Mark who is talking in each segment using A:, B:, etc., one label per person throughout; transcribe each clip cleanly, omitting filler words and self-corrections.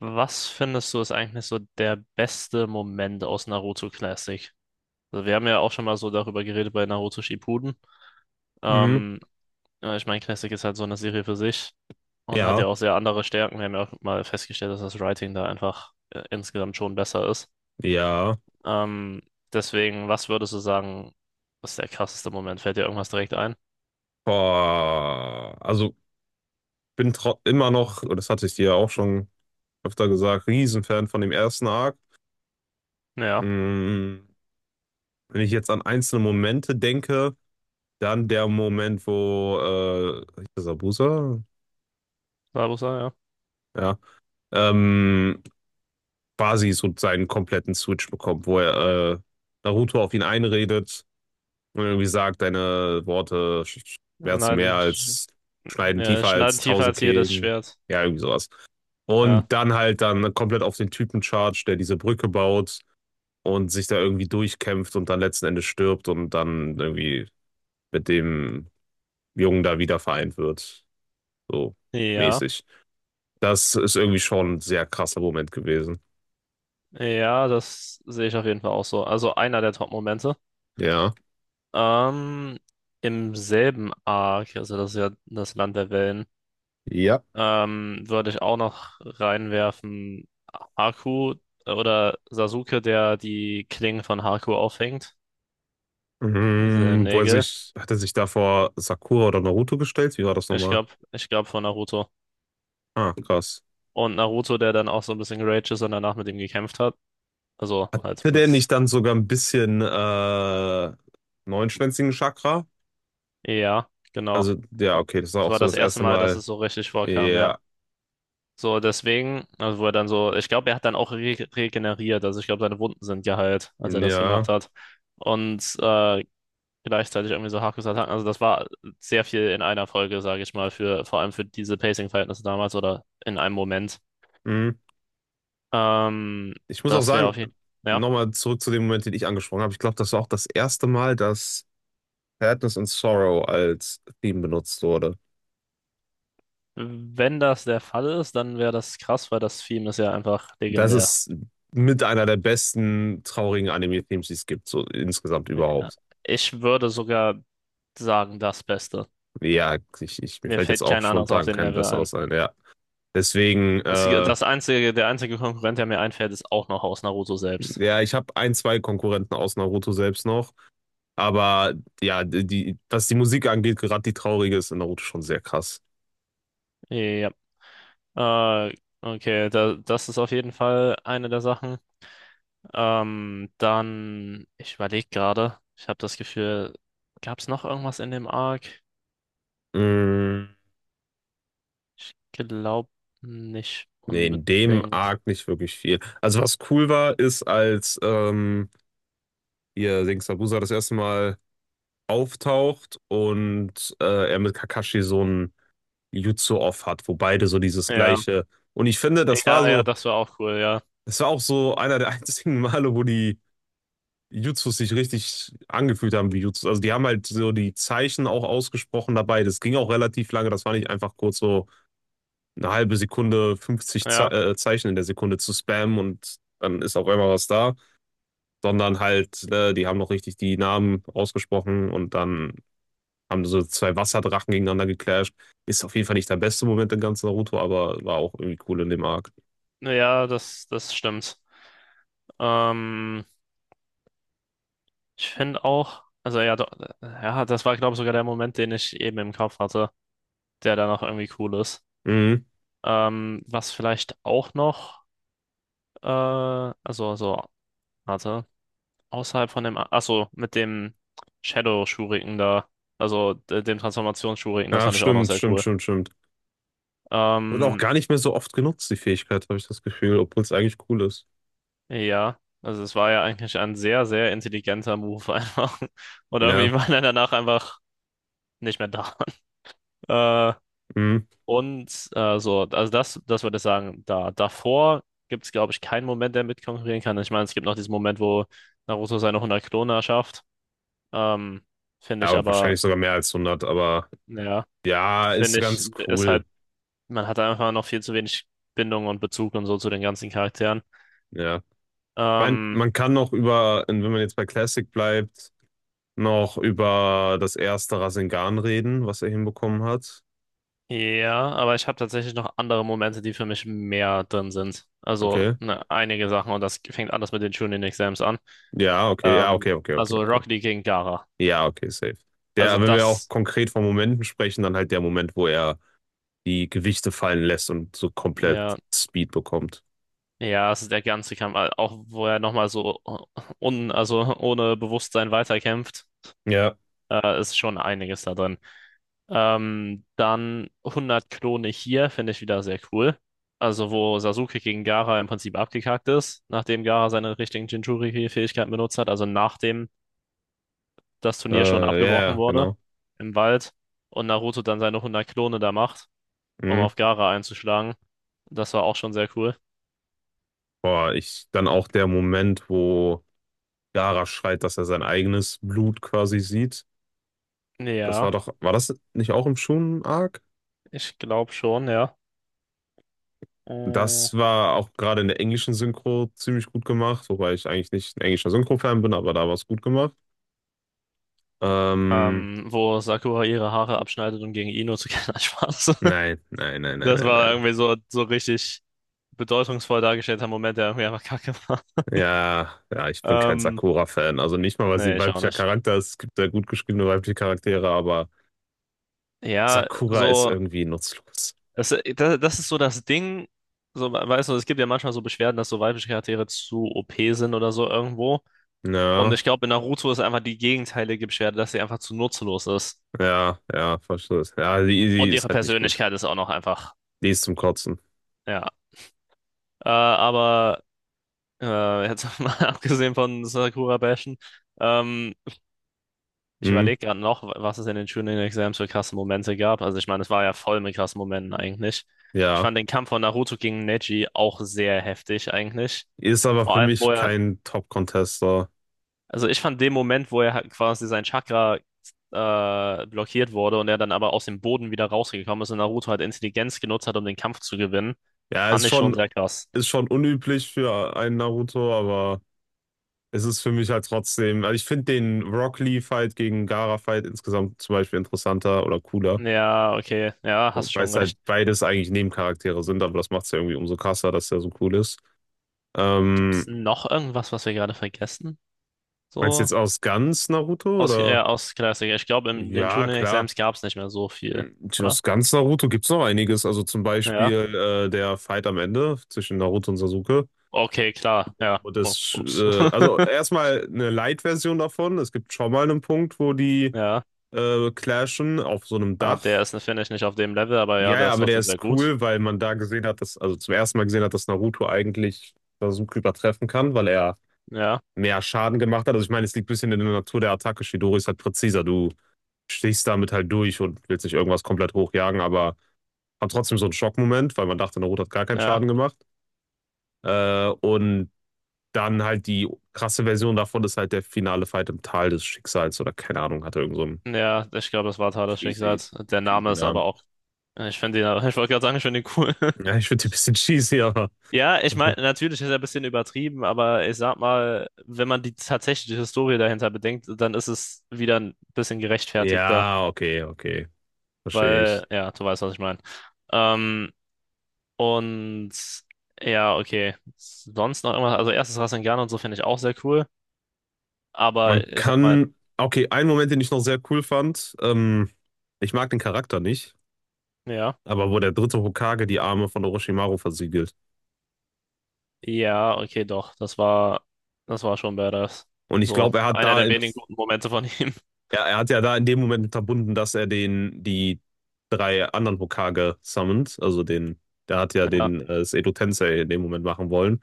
A: Was findest du ist eigentlich so der beste Moment aus Naruto Classic? Also wir haben ja auch schon mal so darüber geredet bei Naruto Shippuden.
B: Mhm.
A: Ähm, ja, ich meine, Classic ist halt so eine Serie für sich und hat ja
B: Ja,
A: auch sehr andere Stärken. Wir haben ja auch mal festgestellt, dass das Writing da einfach insgesamt schon besser ist.
B: ja.
A: Ähm, deswegen, was würdest du sagen, ist der krasseste Moment? Fällt dir irgendwas direkt ein?
B: Boah. Also bin immer noch, und das hatte ich dir ja auch schon öfter gesagt, Riesenfan von dem ersten Arc.
A: Ja,
B: Mhm. Wenn ich jetzt an einzelne Momente denke, dann der Moment, wo hieß das Abusa,
A: Sabusa, ja.
B: ja, ähm, quasi so seinen kompletten Switch bekommt, wo er Naruto auf ihn einredet und irgendwie sagt, deine Worte schmerzen mehr
A: Schneiden,
B: als, schneiden
A: ja,
B: tiefer
A: schneiden
B: als
A: tiefer
B: 1000
A: als jedes
B: Kehlen.
A: Schwert.
B: Ja, irgendwie sowas.
A: Ja.
B: Und dann halt dann komplett auf den Typen charge, der diese Brücke baut und sich da irgendwie durchkämpft und dann letzten Endes stirbt und dann irgendwie mit dem Jungen da wieder vereint wird. So
A: Ja.
B: mäßig. Das ist irgendwie schon ein sehr krasser Moment gewesen.
A: Ja, das sehe ich auf jeden Fall auch so. Also einer der Top-Momente.
B: Ja.
A: Ähm, im selben Arc, also das ist ja das Land der Wellen,
B: Ja.
A: würde ich auch noch reinwerfen, Haku oder Sasuke, der die Klingen von Haku auffängt. Diese
B: Mhm,
A: Nägel.
B: hat er sich da vor Sakura oder Naruto gestellt? Wie war das
A: Ich
B: nochmal?
A: glaube, ich glaube von Naruto.
B: Ah, krass.
A: Und Naruto, der dann auch so ein bisschen geraged ist und danach mit ihm gekämpft hat. Also halt
B: Hätte der nicht
A: mit,
B: dann sogar ein bisschen neunschwänzigen Chakra?
A: ja, genau.
B: Also, ja, okay, das war
A: Das
B: auch
A: war
B: so
A: das
B: das
A: erste
B: erste
A: Mal, dass
B: Mal.
A: es so richtig vorkam, ja.
B: Ja,
A: So, deswegen, also wo er dann so, ich glaube, er hat dann auch re regeneriert, also ich glaube, seine Wunden sind geheilt, als er das gemacht
B: ja.
A: hat. Und gleichzeitig irgendwie so Hakusattacken, also das war sehr viel in einer Folge, sage ich mal, für vor allem für diese Pacing-Verhältnisse damals oder in einem Moment.
B: Hm.
A: Ähm,
B: Ich muss auch
A: das wäre
B: sagen,
A: auf jeden Fall, ja,
B: nochmal zurück zu dem Moment, den ich angesprochen habe. Ich glaube, das war auch das erste Mal, dass Sadness and Sorrow als Theme benutzt wurde.
A: wenn das der Fall ist, dann wäre das krass, weil das Theme ist ja einfach
B: Das
A: legendär.
B: ist mit einer der besten traurigen Anime-Themes, die es gibt, so insgesamt
A: Ja.
B: überhaupt.
A: Ich würde sogar sagen, das Beste.
B: Ja, mir
A: Mir
B: fällt jetzt
A: fällt
B: auch
A: kein anderes auf
B: spontan
A: den
B: kein
A: Level ein.
B: besseres ein, ja. Deswegen,
A: Der einzige Konkurrent, der mir einfällt, ist auch noch aus Naruto selbst.
B: ja, ich habe ein, zwei Konkurrenten aus Naruto selbst noch. Aber ja, die, was die Musik angeht, gerade die traurige ist in Naruto schon sehr krass.
A: Ja. Äh, okay, das ist auf jeden Fall eine der Sachen. Dann, ich überlege gerade, ich habe das Gefühl, gab es noch irgendwas in dem Arc?
B: Mm,
A: Ich glaube nicht
B: nee, in dem
A: unbedingt.
B: Arc nicht wirklich viel. Also was cool war, ist, als hier Sengoku das erste Mal auftaucht und er mit Kakashi so ein Jutsu-Off hat, wo beide so dieses
A: Ja,
B: gleiche. Und ich finde,
A: ja, das war auch cool, ja.
B: das war auch so einer der einzigen Male, wo die Jutsus sich richtig angefühlt haben wie Jutsus. Also die haben halt so die Zeichen auch ausgesprochen dabei. Das ging auch relativ lange. Das war nicht einfach kurz so eine halbe Sekunde, 50 Ze
A: Ja,
B: Zeichen in der Sekunde zu spammen und dann ist auf einmal was da, sondern halt, die haben noch richtig die Namen ausgesprochen und dann haben so zwei Wasserdrachen gegeneinander geclasht. Ist auf jeden Fall nicht der beste Moment in ganz Naruto, aber war auch irgendwie cool in dem Arc.
A: ja, das, das stimmt. Ähm, ich finde auch, also ja, ja, das war, glaube ich, sogar der Moment, den ich eben im Kopf hatte, der da noch irgendwie cool ist.
B: Mhm.
A: Was vielleicht auch noch, äh, also, also, warte, außerhalb von dem, achso, mit dem Shadow Shuriken da, also dem Transformations Shuriken, das
B: Ach,
A: fand ich auch noch
B: stimmt,
A: sehr
B: stimmt,
A: cool.
B: stimmt, stimmt. Wird auch
A: Ähm,
B: gar nicht mehr so oft genutzt, die Fähigkeit, habe ich das Gefühl, obwohl es eigentlich cool ist.
A: ja, also es war ja eigentlich ein sehr, sehr intelligenter Move einfach. Und irgendwie
B: Ja,
A: war er danach einfach nicht mehr da. Äh,
B: mhm.
A: So, also das würde ich sagen, da davor gibt es, glaube ich, keinen Moment, der mitkonkurrieren kann. Ich meine, es gibt noch diesen Moment, wo Naruto seine 100 Kloner schafft. Ähm, finde
B: Ja,
A: ich
B: aber wahrscheinlich
A: aber,
B: sogar mehr als 100, aber
A: ja,
B: ja, ist
A: finde ich,
B: ganz
A: ist halt,
B: cool.
A: man hat einfach noch viel zu wenig Bindung und Bezug und so zu den ganzen Charakteren.
B: Ja. Ich mein,
A: Ähm,
B: man kann noch über, wenn man jetzt bei Classic bleibt, noch über das erste Rasengan reden, was er hinbekommen hat.
A: ja, aber ich habe tatsächlich noch andere Momente, die für mich mehr drin sind. Also
B: Okay.
A: ne, einige Sachen und das fängt anders mit den Chunin-Exams an.
B: Ja, okay, ja,
A: Ähm,
B: okay, okay, okay,
A: also
B: okay.
A: Rocket League gegen Gaara.
B: Ja, okay, safe.
A: Also
B: Der, wenn wir auch
A: das.
B: konkret von Momenten sprechen, dann halt der Moment, wo er die Gewichte fallen lässt und so komplett
A: Ja,
B: Speed bekommt.
A: ja, also der ganze Kampf, auch wo er nochmal so also ohne Bewusstsein weiterkämpft,
B: Ja,
A: ist schon einiges da drin. Dann 100 Klone hier finde ich wieder sehr cool. Also wo Sasuke gegen Gaara im Prinzip abgekackt ist, nachdem Gaara seine richtigen Jinchuriki-Fähigkeiten benutzt hat, also nachdem das Turnier schon
B: ja,
A: abgebrochen
B: ja,
A: wurde
B: genau.
A: im Wald und Naruto dann seine 100 Klone da macht, um
B: Mhm.
A: auf Gaara einzuschlagen. Das war auch schon sehr cool.
B: Boah, dann auch der Moment, wo Gaara schreit, dass er sein eigenes Blut quasi sieht. Das war
A: Ja,
B: doch, war das nicht auch im Shonen-Arc?
A: ich glaube schon, ja. Äh,
B: Das war auch gerade in der englischen Synchro ziemlich gut gemacht, wobei ich eigentlich nicht ein englischer Synchro-Fan bin, aber da war es gut gemacht. Ähm,
A: wo Sakura ihre Haare abschneidet, um gegen Ino zu kämpfen. Nein, Spaß.
B: nein, nein, nein, nein,
A: Das
B: nein,
A: war
B: nein.
A: irgendwie so, so richtig bedeutungsvoll dargestellter Moment, der irgendwie einfach kacke war.
B: Ja, ja, ich bin kein
A: Ähm,
B: Sakura-Fan. Also nicht mal, weil sie
A: nee,
B: ein
A: ich auch
B: weiblicher
A: nicht.
B: Charakter ist. Es gibt sehr gut geschriebene weibliche Charaktere, aber
A: Ja,
B: Sakura ist
A: so,
B: irgendwie nutzlos.
A: das, das ist so das Ding, so, weißt du, es gibt ja manchmal so Beschwerden, dass so weibliche Charaktere zu OP sind oder so irgendwo. Und
B: Ja,
A: ich glaube, in Naruto ist einfach die gegenteilige Beschwerde, dass sie einfach zu nutzlos ist.
B: ja, ja, verstehe. Ja, die
A: Und
B: ist
A: ihre
B: halt nicht gut.
A: Persönlichkeit ist auch noch einfach,
B: Die ist zum Kotzen.
A: ja. Äh, aber jetzt mal abgesehen von Sakura Bashen. Ähm, ich
B: Hm,
A: überlege gerade noch, was es in den Shooting Exams für krasse Momente gab. Also ich meine, es war ja voll mit krassen Momenten eigentlich. Ich
B: ja.
A: fand den Kampf von Naruto gegen Neji auch sehr heftig eigentlich.
B: Ist aber
A: Vor
B: für
A: allem, wo
B: mich
A: er,
B: kein Top-Contester.
A: also ich fand den Moment, wo er halt quasi sein Chakra blockiert wurde und er dann aber aus dem Boden wieder rausgekommen ist und Naruto halt Intelligenz genutzt hat, um den Kampf zu gewinnen,
B: Ja, ist
A: fand ich schon
B: schon,
A: sehr krass.
B: ist schon unüblich für einen Naruto, aber es ist für mich halt trotzdem. Also ich finde den Rock Lee-Fight gegen Gaara-Fight insgesamt zum Beispiel interessanter oder cooler.
A: Ja, okay, ja, hast
B: Weil
A: schon
B: es halt
A: recht.
B: beides eigentlich Nebencharaktere sind, aber das macht es ja irgendwie umso krasser, dass der so cool ist.
A: Gibt's
B: Ähm,
A: noch irgendwas, was wir gerade vergessen?
B: Meinst du
A: So
B: jetzt aus ganz Naruto
A: aus,
B: oder?
A: aus Klassiker. Ich glaube, in den
B: Ja, klar.
A: Tuning-Exams gab es nicht mehr so viel,
B: Hm,
A: oder?
B: Aus ganz Naruto gibt es noch einiges. Also zum
A: Ja.
B: Beispiel der Fight am Ende zwischen Naruto und Sasuke.
A: Okay, klar. Ja.
B: Und
A: Oh,
B: das,
A: ups.
B: also erstmal eine Light-Version davon. Es gibt schon mal einen Punkt, wo die
A: Ja.
B: clashen auf so einem
A: Ah, der
B: Dach.
A: ist, finde ich, nicht auf dem Level, aber ja,
B: Ja,
A: der
B: ja,
A: ist
B: aber der
A: trotzdem sehr
B: ist
A: gut.
B: cool, weil man da gesehen hat, dass, also zum ersten Mal gesehen hat, dass Naruto eigentlich Sasuke übertreffen kann, weil er
A: Ja.
B: mehr Schaden gemacht hat. Also ich meine, es liegt ein bisschen in der Natur der Attacke. Shidori ist halt präziser. Du stichst damit halt durch und willst nicht irgendwas komplett hochjagen, aber hat trotzdem so einen Schockmoment, weil man dachte, Naruto hat gar keinen
A: Ja.
B: Schaden gemacht. Und dann halt die krasse Version davon ist halt der finale Fight im Tal des Schicksals oder keine Ahnung, hat er irgend so einen
A: Ja, ich glaube, das war Tat des
B: cheesy,
A: Schicksals. Der Name
B: cheesy
A: ist
B: Namen.
A: aber auch. Ich finde ihn, ich wollte gerade sagen, ich finde ihn cool.
B: Ja, ich finde die ein bisschen cheesy, aber.
A: Ja, ich meine, natürlich ist er ein bisschen übertrieben, aber ich sag mal, wenn man die tatsächliche Historie dahinter bedenkt, dann ist es wieder ein bisschen gerechtfertigter.
B: Ja, okay, okay. Verstehe ich.
A: Weil, ja, du weißt, was ich meine. Ähm, und ja, okay. Sonst noch irgendwas, also erstes Rasengan und so finde ich auch sehr cool. Aber
B: Man
A: ich sag mal,
B: kann. Okay, ein Moment, den ich noch sehr cool fand. Ich mag den Charakter nicht,
A: ja,
B: aber wo der dritte Hokage die Arme von Orochimaru versiegelt.
A: ja, okay, doch. Das war schon badass.
B: Und ich
A: So,
B: glaube, er hat
A: einer
B: da
A: der
B: im
A: wenigen guten Momente von ihm.
B: ja, er hat ja da in dem Moment unterbunden, dass er den, die drei anderen Hokage summont. Also den, der hat ja
A: Ja.
B: den Edo Tensei in dem Moment machen wollen.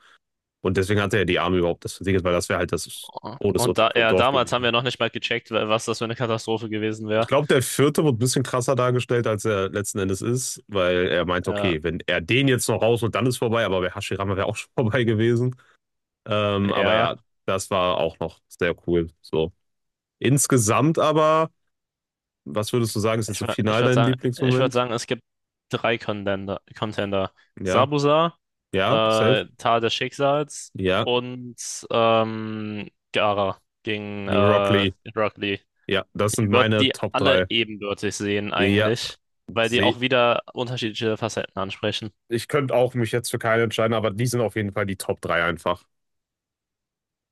B: Und deswegen hat er ja die Arme überhaupt das versiegelt, weil das wäre halt das
A: Und
B: Todesurteil
A: da,
B: vom
A: ja,
B: Dorf
A: damals haben
B: gewesen.
A: wir noch nicht mal gecheckt, was das für eine Katastrophe gewesen
B: Ich
A: wäre.
B: glaube, der vierte wird ein bisschen krasser dargestellt, als er letzten Endes ist, weil er meint,
A: Ja,
B: okay, wenn er den jetzt noch raus und dann ist vorbei, aber bei Hashirama wäre auch schon vorbei gewesen. Aber
A: ja.
B: ja, das war auch noch sehr cool. So. Insgesamt aber, was würdest du sagen, ist jetzt so final dein
A: Ich würde
B: Lieblingsmoment?
A: sagen, es gibt drei Contender. Contender.
B: Ja,
A: Sabuza,
B: ja, safe.
A: Tal des Schicksals
B: Ja,
A: und Gaara gegen
B: Rock Lee.
A: Rock Lee.
B: Ja, das sind
A: Ich würde
B: meine
A: die
B: Top
A: alle
B: 3.
A: ebenbürtig sehen
B: Ja,
A: eigentlich, weil die
B: seh.
A: auch wieder unterschiedliche Facetten ansprechen.
B: Ich könnte auch mich jetzt für keinen entscheiden, aber die sind auf jeden Fall die Top 3 einfach.